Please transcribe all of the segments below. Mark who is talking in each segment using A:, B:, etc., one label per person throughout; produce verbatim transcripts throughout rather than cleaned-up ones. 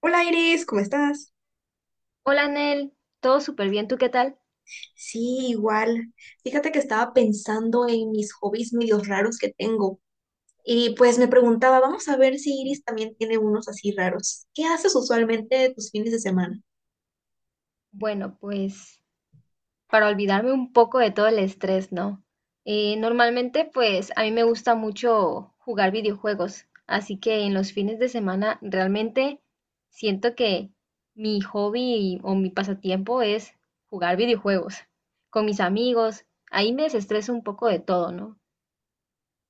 A: Hola Iris, ¿cómo estás?
B: Hola Nel, todo súper bien, ¿tú qué tal?
A: Sí, igual. Fíjate que estaba pensando en mis hobbies medios raros que tengo y pues me preguntaba, vamos a ver si Iris también tiene unos así raros. ¿Qué haces usualmente tus fines de semana?
B: Bueno, pues para olvidarme un poco de todo el estrés, ¿no? Eh, normalmente, pues a mí me gusta mucho jugar videojuegos, así que en los fines de semana realmente siento que mi hobby o mi pasatiempo es jugar videojuegos con mis amigos. Ahí me desestreso un poco de todo, ¿no?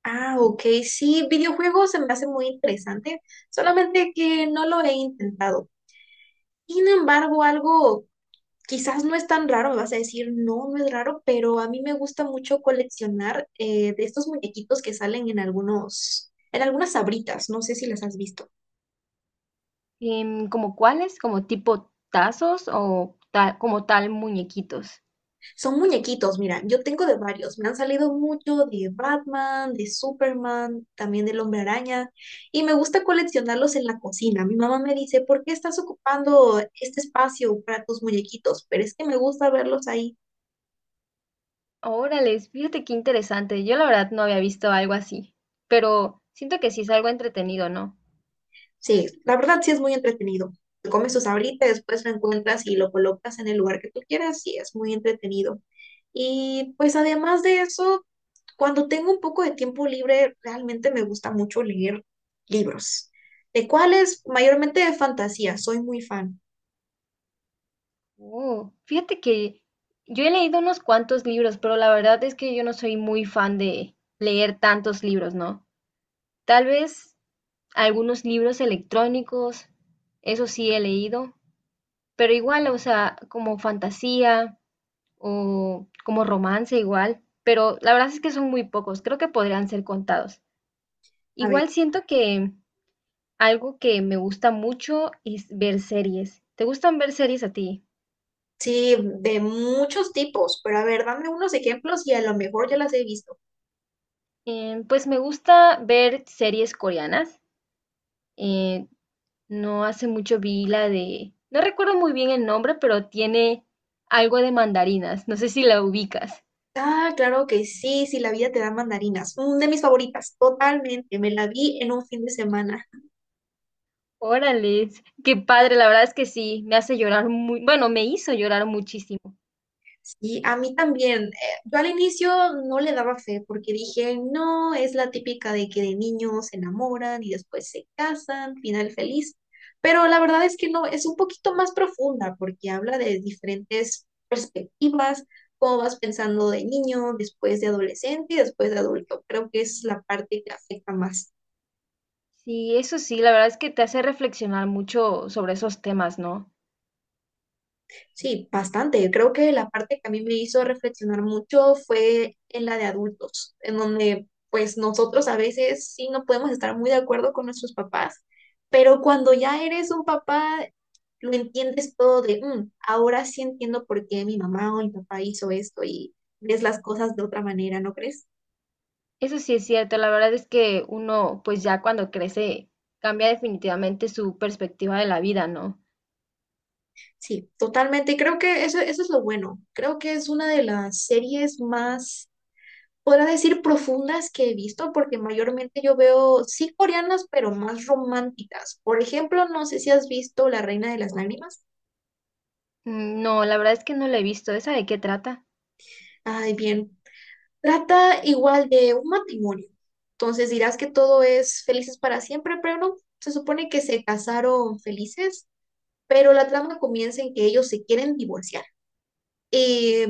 A: Ah, ok, sí, videojuegos se me hace muy interesante, solamente que no lo he intentado. Sin embargo, algo. Quizás no es tan raro, me vas a decir, no, no es raro, pero a mí me gusta mucho coleccionar eh, de estos muñequitos que salen en algunos, en algunas abritas, no sé si las has visto.
B: Em, ¿como cuáles? ¿Como tipo tazos o ta- como tal muñequitos?
A: Son muñequitos, mira, yo tengo de varios, me han salido mucho de Batman, de Superman, también del Hombre Araña, y me gusta coleccionarlos en la cocina. Mi mamá me dice, ¿por qué estás ocupando este espacio para tus muñequitos? Pero es que me gusta verlos ahí.
B: Órale, fíjate qué interesante. Yo la verdad no había visto algo así, pero siento que sí es algo entretenido, ¿no?
A: Sí, la verdad sí es muy entretenido. Te comes tus ahorita, después lo encuentras y lo colocas en el lugar que tú quieras y es muy entretenido. Y pues además de eso, cuando tengo un poco de tiempo libre, realmente me gusta mucho leer libros, de cuáles mayormente de fantasía, soy muy fan.
B: Oh, fíjate que yo he leído unos cuantos libros, pero la verdad es que yo no soy muy fan de leer tantos libros, ¿no? Tal vez algunos libros electrónicos, eso sí he leído, pero igual, o sea, como fantasía o como romance igual, pero la verdad es que son muy pocos, creo que podrían ser contados.
A: A ver,
B: Igual siento que algo que me gusta mucho es ver series. ¿Te gustan ver series a ti?
A: sí, de muchos tipos, pero a ver, dame unos ejemplos y a lo mejor ya las he visto.
B: Eh, pues me gusta ver series coreanas. Eh, no hace mucho vi la de no recuerdo muy bien el nombre, pero tiene algo de mandarinas. No sé si la ubicas.
A: Ah, claro que sí, si la vida te da mandarinas. Mm, de mis favoritas, totalmente. Me la vi en un fin de semana.
B: Órale, qué padre, la verdad es que sí, me hace llorar muy, bueno, me hizo llorar muchísimo.
A: Y a mí también. Eh, Yo al inicio no le daba fe porque dije, no, es la típica de que de niños se enamoran y después se casan, final feliz. Pero la verdad es que no, es un poquito más profunda porque habla de diferentes perspectivas, cómo vas pensando de niño, después de adolescente y después de adulto. Creo que es la parte que afecta más.
B: Sí, eso sí, la verdad es que te hace reflexionar mucho sobre esos temas, ¿no?
A: Sí, bastante. Creo que la parte que a mí me hizo reflexionar mucho fue en la de adultos, en donde pues nosotros a veces sí no podemos estar muy de acuerdo con nuestros papás, pero cuando ya eres un papá, lo entiendes todo de, "Mm, ahora sí entiendo por qué mi mamá o mi papá hizo esto" y ves las cosas de otra manera, ¿no crees?
B: Eso sí es cierto, la verdad es que uno, pues ya cuando crece, cambia definitivamente su perspectiva de la vida, ¿no?
A: Sí, totalmente. Y creo que eso, eso es lo bueno. Creo que es una de las series más, podría decir, profundas que he visto, porque mayormente yo veo, sí, coreanas, pero más románticas. Por ejemplo, no sé si has visto La Reina de las Lágrimas.
B: Mm, no, la verdad es que no lo he visto. ¿Esa de qué trata?
A: Ay, bien, trata igual de un matrimonio. Entonces dirás que todo es felices para siempre, pero no, se supone que se casaron felices, pero la trama comienza en que ellos se quieren divorciar. Y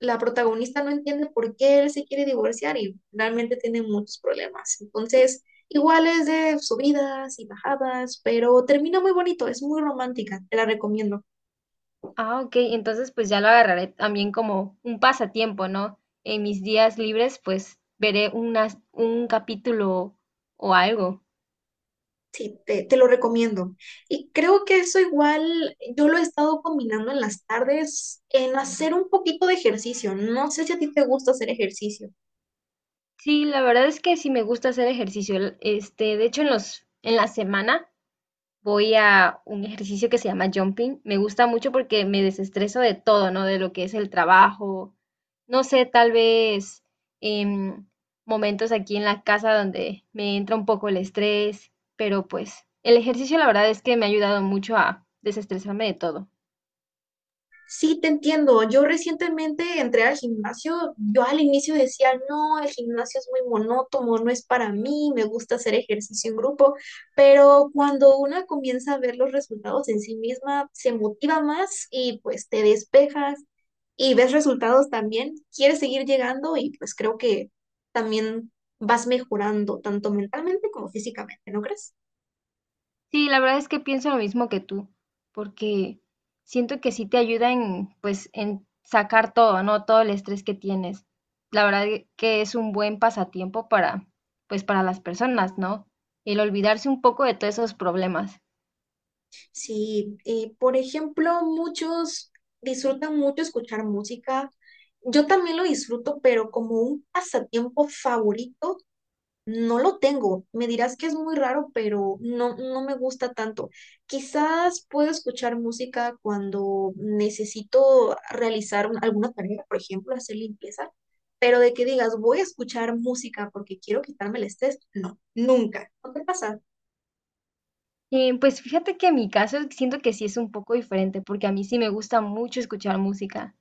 A: la protagonista no entiende por qué él se quiere divorciar y realmente tiene muchos problemas. Entonces, igual es de subidas y bajadas, pero termina muy bonito, es muy romántica, te la recomiendo.
B: Ah, ok, entonces pues ya lo agarraré también como un pasatiempo, ¿no? En mis días libres, pues veré unas, un capítulo o algo.
A: Sí, te, te lo recomiendo. Y creo que eso igual yo lo he estado combinando en las tardes en hacer un poquito de ejercicio. No sé si a ti te gusta hacer ejercicio.
B: Sí, la verdad es que sí me gusta hacer ejercicio. El- Este, de hecho, en los, en la semana voy a un ejercicio que se llama jumping. Me gusta mucho porque me desestreso de todo, ¿no? De lo que es el trabajo. No sé, tal vez em, momentos aquí en la casa donde me entra un poco el estrés, pero pues el ejercicio la verdad es que me ha ayudado mucho a desestresarme de todo.
A: Sí, te entiendo. Yo recientemente entré al gimnasio. Yo al inicio decía, no, el gimnasio es muy monótono, no es para mí, me gusta hacer ejercicio en grupo, pero cuando una comienza a ver los resultados en sí misma, se motiva más y pues te despejas y ves resultados también, quieres seguir llegando y pues creo que también vas mejorando tanto mentalmente como físicamente, ¿no crees?
B: Sí, la verdad es que pienso lo mismo que tú, porque siento que sí te ayuda en, pues, en sacar todo, ¿no? Todo el estrés que tienes. La verdad e- que es un buen pasatiempo para, pues, para las personas, ¿no? El olvidarse un poco de todos esos problemas.
A: Sí, eh, por ejemplo, muchos disfrutan mucho escuchar música. Yo también lo disfruto, pero como un pasatiempo favorito, no lo tengo. Me dirás que es muy raro, pero no, no me gusta tanto. Quizás puedo escuchar música cuando necesito realizar un- alguna tarea, por ejemplo, hacer limpieza, pero de que digas, voy a escuchar música porque quiero quitarme el estrés, no, nunca. ¿No te pasa?
B: Eh, pues fíjate que en mi caso siento que sí es un poco diferente, porque a mí sí me gusta mucho escuchar música.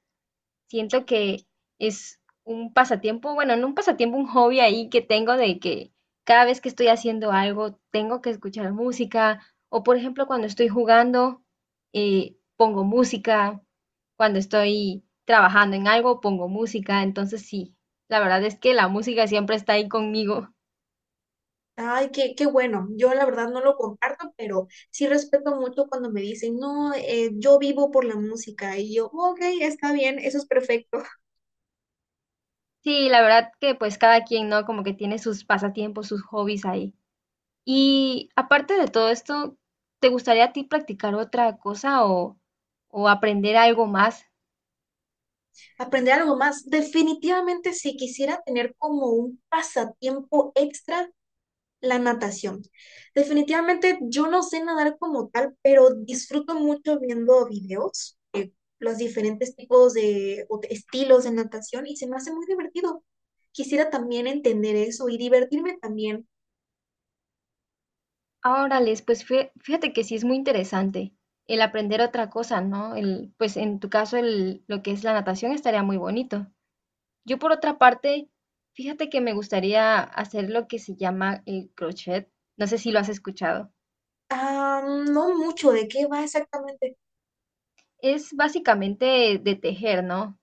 B: Siento que es un pasatiempo, bueno, no un pasatiempo, un hobby ahí que tengo de que cada vez que estoy haciendo algo tengo que escuchar música o por ejemplo cuando estoy jugando, eh, pongo música, cuando estoy trabajando en algo pongo música, entonces sí, la verdad es que la música siempre está ahí conmigo.
A: Ay, qué, qué bueno. Yo la verdad no lo comparto, pero sí respeto mucho cuando me dicen, no, eh, yo vivo por la música. Y yo, ok, está bien, eso es perfecto.
B: Sí, la verdad que pues cada quien, ¿no? Como que tiene sus pasatiempos, sus hobbies ahí. Y aparte de todo esto, ¿te gustaría a ti practicar otra cosa o, o aprender algo más?
A: Aprender algo más. Definitivamente, si quisiera tener como un pasatiempo extra, la natación. Definitivamente, yo no sé nadar como tal, pero disfruto mucho viendo videos, eh, los diferentes tipos de o de estilos de natación y se me hace muy divertido. Quisiera también entender eso y divertirme también.
B: Ah, órales, pues fí- fíjate que sí es muy interesante el aprender otra cosa, ¿no? El, pues en tu caso el, lo que es la natación estaría muy bonito. Yo por otra parte, fíjate que me gustaría hacer lo que se llama el crochet. No sé si lo has escuchado.
A: Ah, no mucho, ¿de qué va exactamente?
B: Es básicamente de tejer, ¿no?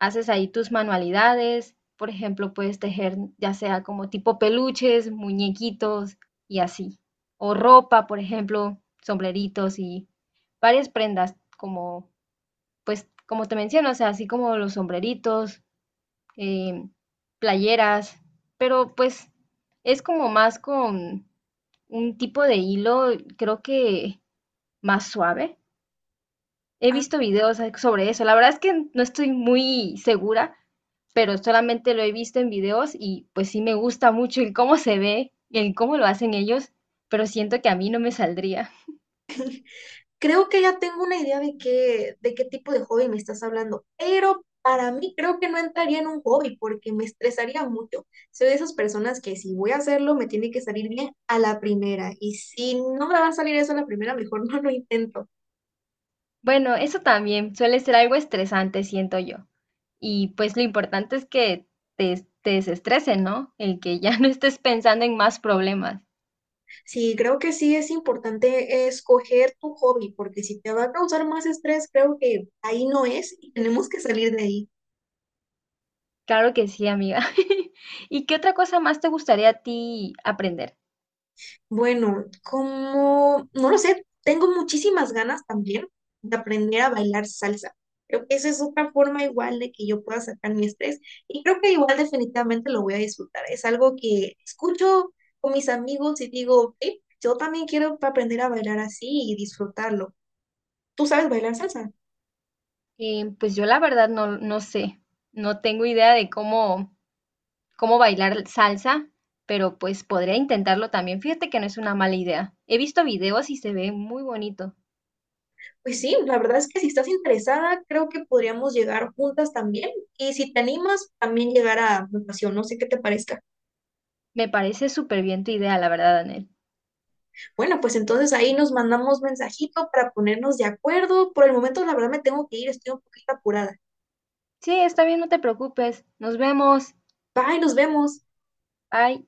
B: Haces ahí tus manualidades, por ejemplo, puedes tejer ya sea como tipo peluches, muñequitos y así, o ropa, por ejemplo, sombreritos y varias prendas como, pues, como te menciono, o sea, así como los sombreritos, eh, playeras, pero pues es como más con un tipo de hilo, creo que más suave. He
A: Ah,
B: visto videos a- sobre eso. La verdad es que no estoy muy segura, pero solamente lo he visto en videos y pues sí me gusta mucho el cómo se ve, el cómo lo hacen ellos, pero siento que a mí no me saldría.
A: creo que ya tengo una idea de qué, de qué tipo de hobby me estás hablando, pero para mí creo que no entraría en un hobby porque me estresaría mucho. Soy de esas personas que si voy a hacerlo me tiene que salir bien a la primera y si no me va a salir eso a la primera, mejor no lo intento.
B: Bueno, eso también suele ser algo estresante, siento yo. Y pues lo importante es que te, te desestresen, ¿no? El que ya no estés pensando en más problemas.
A: Sí, creo que sí es importante escoger tu hobby porque si te va a causar más estrés, creo que ahí no es y tenemos que salir de ahí.
B: Claro que sí, amiga. ¿Y qué otra cosa más te gustaría a ti aprender?
A: Bueno, como, no lo sé, tengo muchísimas ganas también de aprender a bailar salsa. Creo que esa es otra forma igual de que yo pueda sacar mi estrés y creo que igual definitivamente lo voy a disfrutar. Es algo que escucho con mis amigos y digo, "Ey, yo también quiero aprender a bailar así y disfrutarlo". ¿Tú sabes bailar salsa?
B: Eh, pues yo la verdad no, no sé, no tengo idea de cómo, cómo bailar salsa, pero pues podría intentarlo también. Fíjate que no es una mala idea. He visto videos y se ve muy bonito.
A: Pues sí, la verdad es que si estás interesada, creo que podríamos llegar juntas también y si te animas, también llegar a natación. No sé qué te parezca.
B: Me parece súper bien tu idea, la verdad, Anel.
A: Bueno, pues entonces ahí nos mandamos mensajito para ponernos de acuerdo. Por el momento, la verdad, me tengo que ir, estoy un poquito apurada.
B: Sí, está bien, no te preocupes. Nos vemos.
A: Bye, nos vemos.
B: Bye.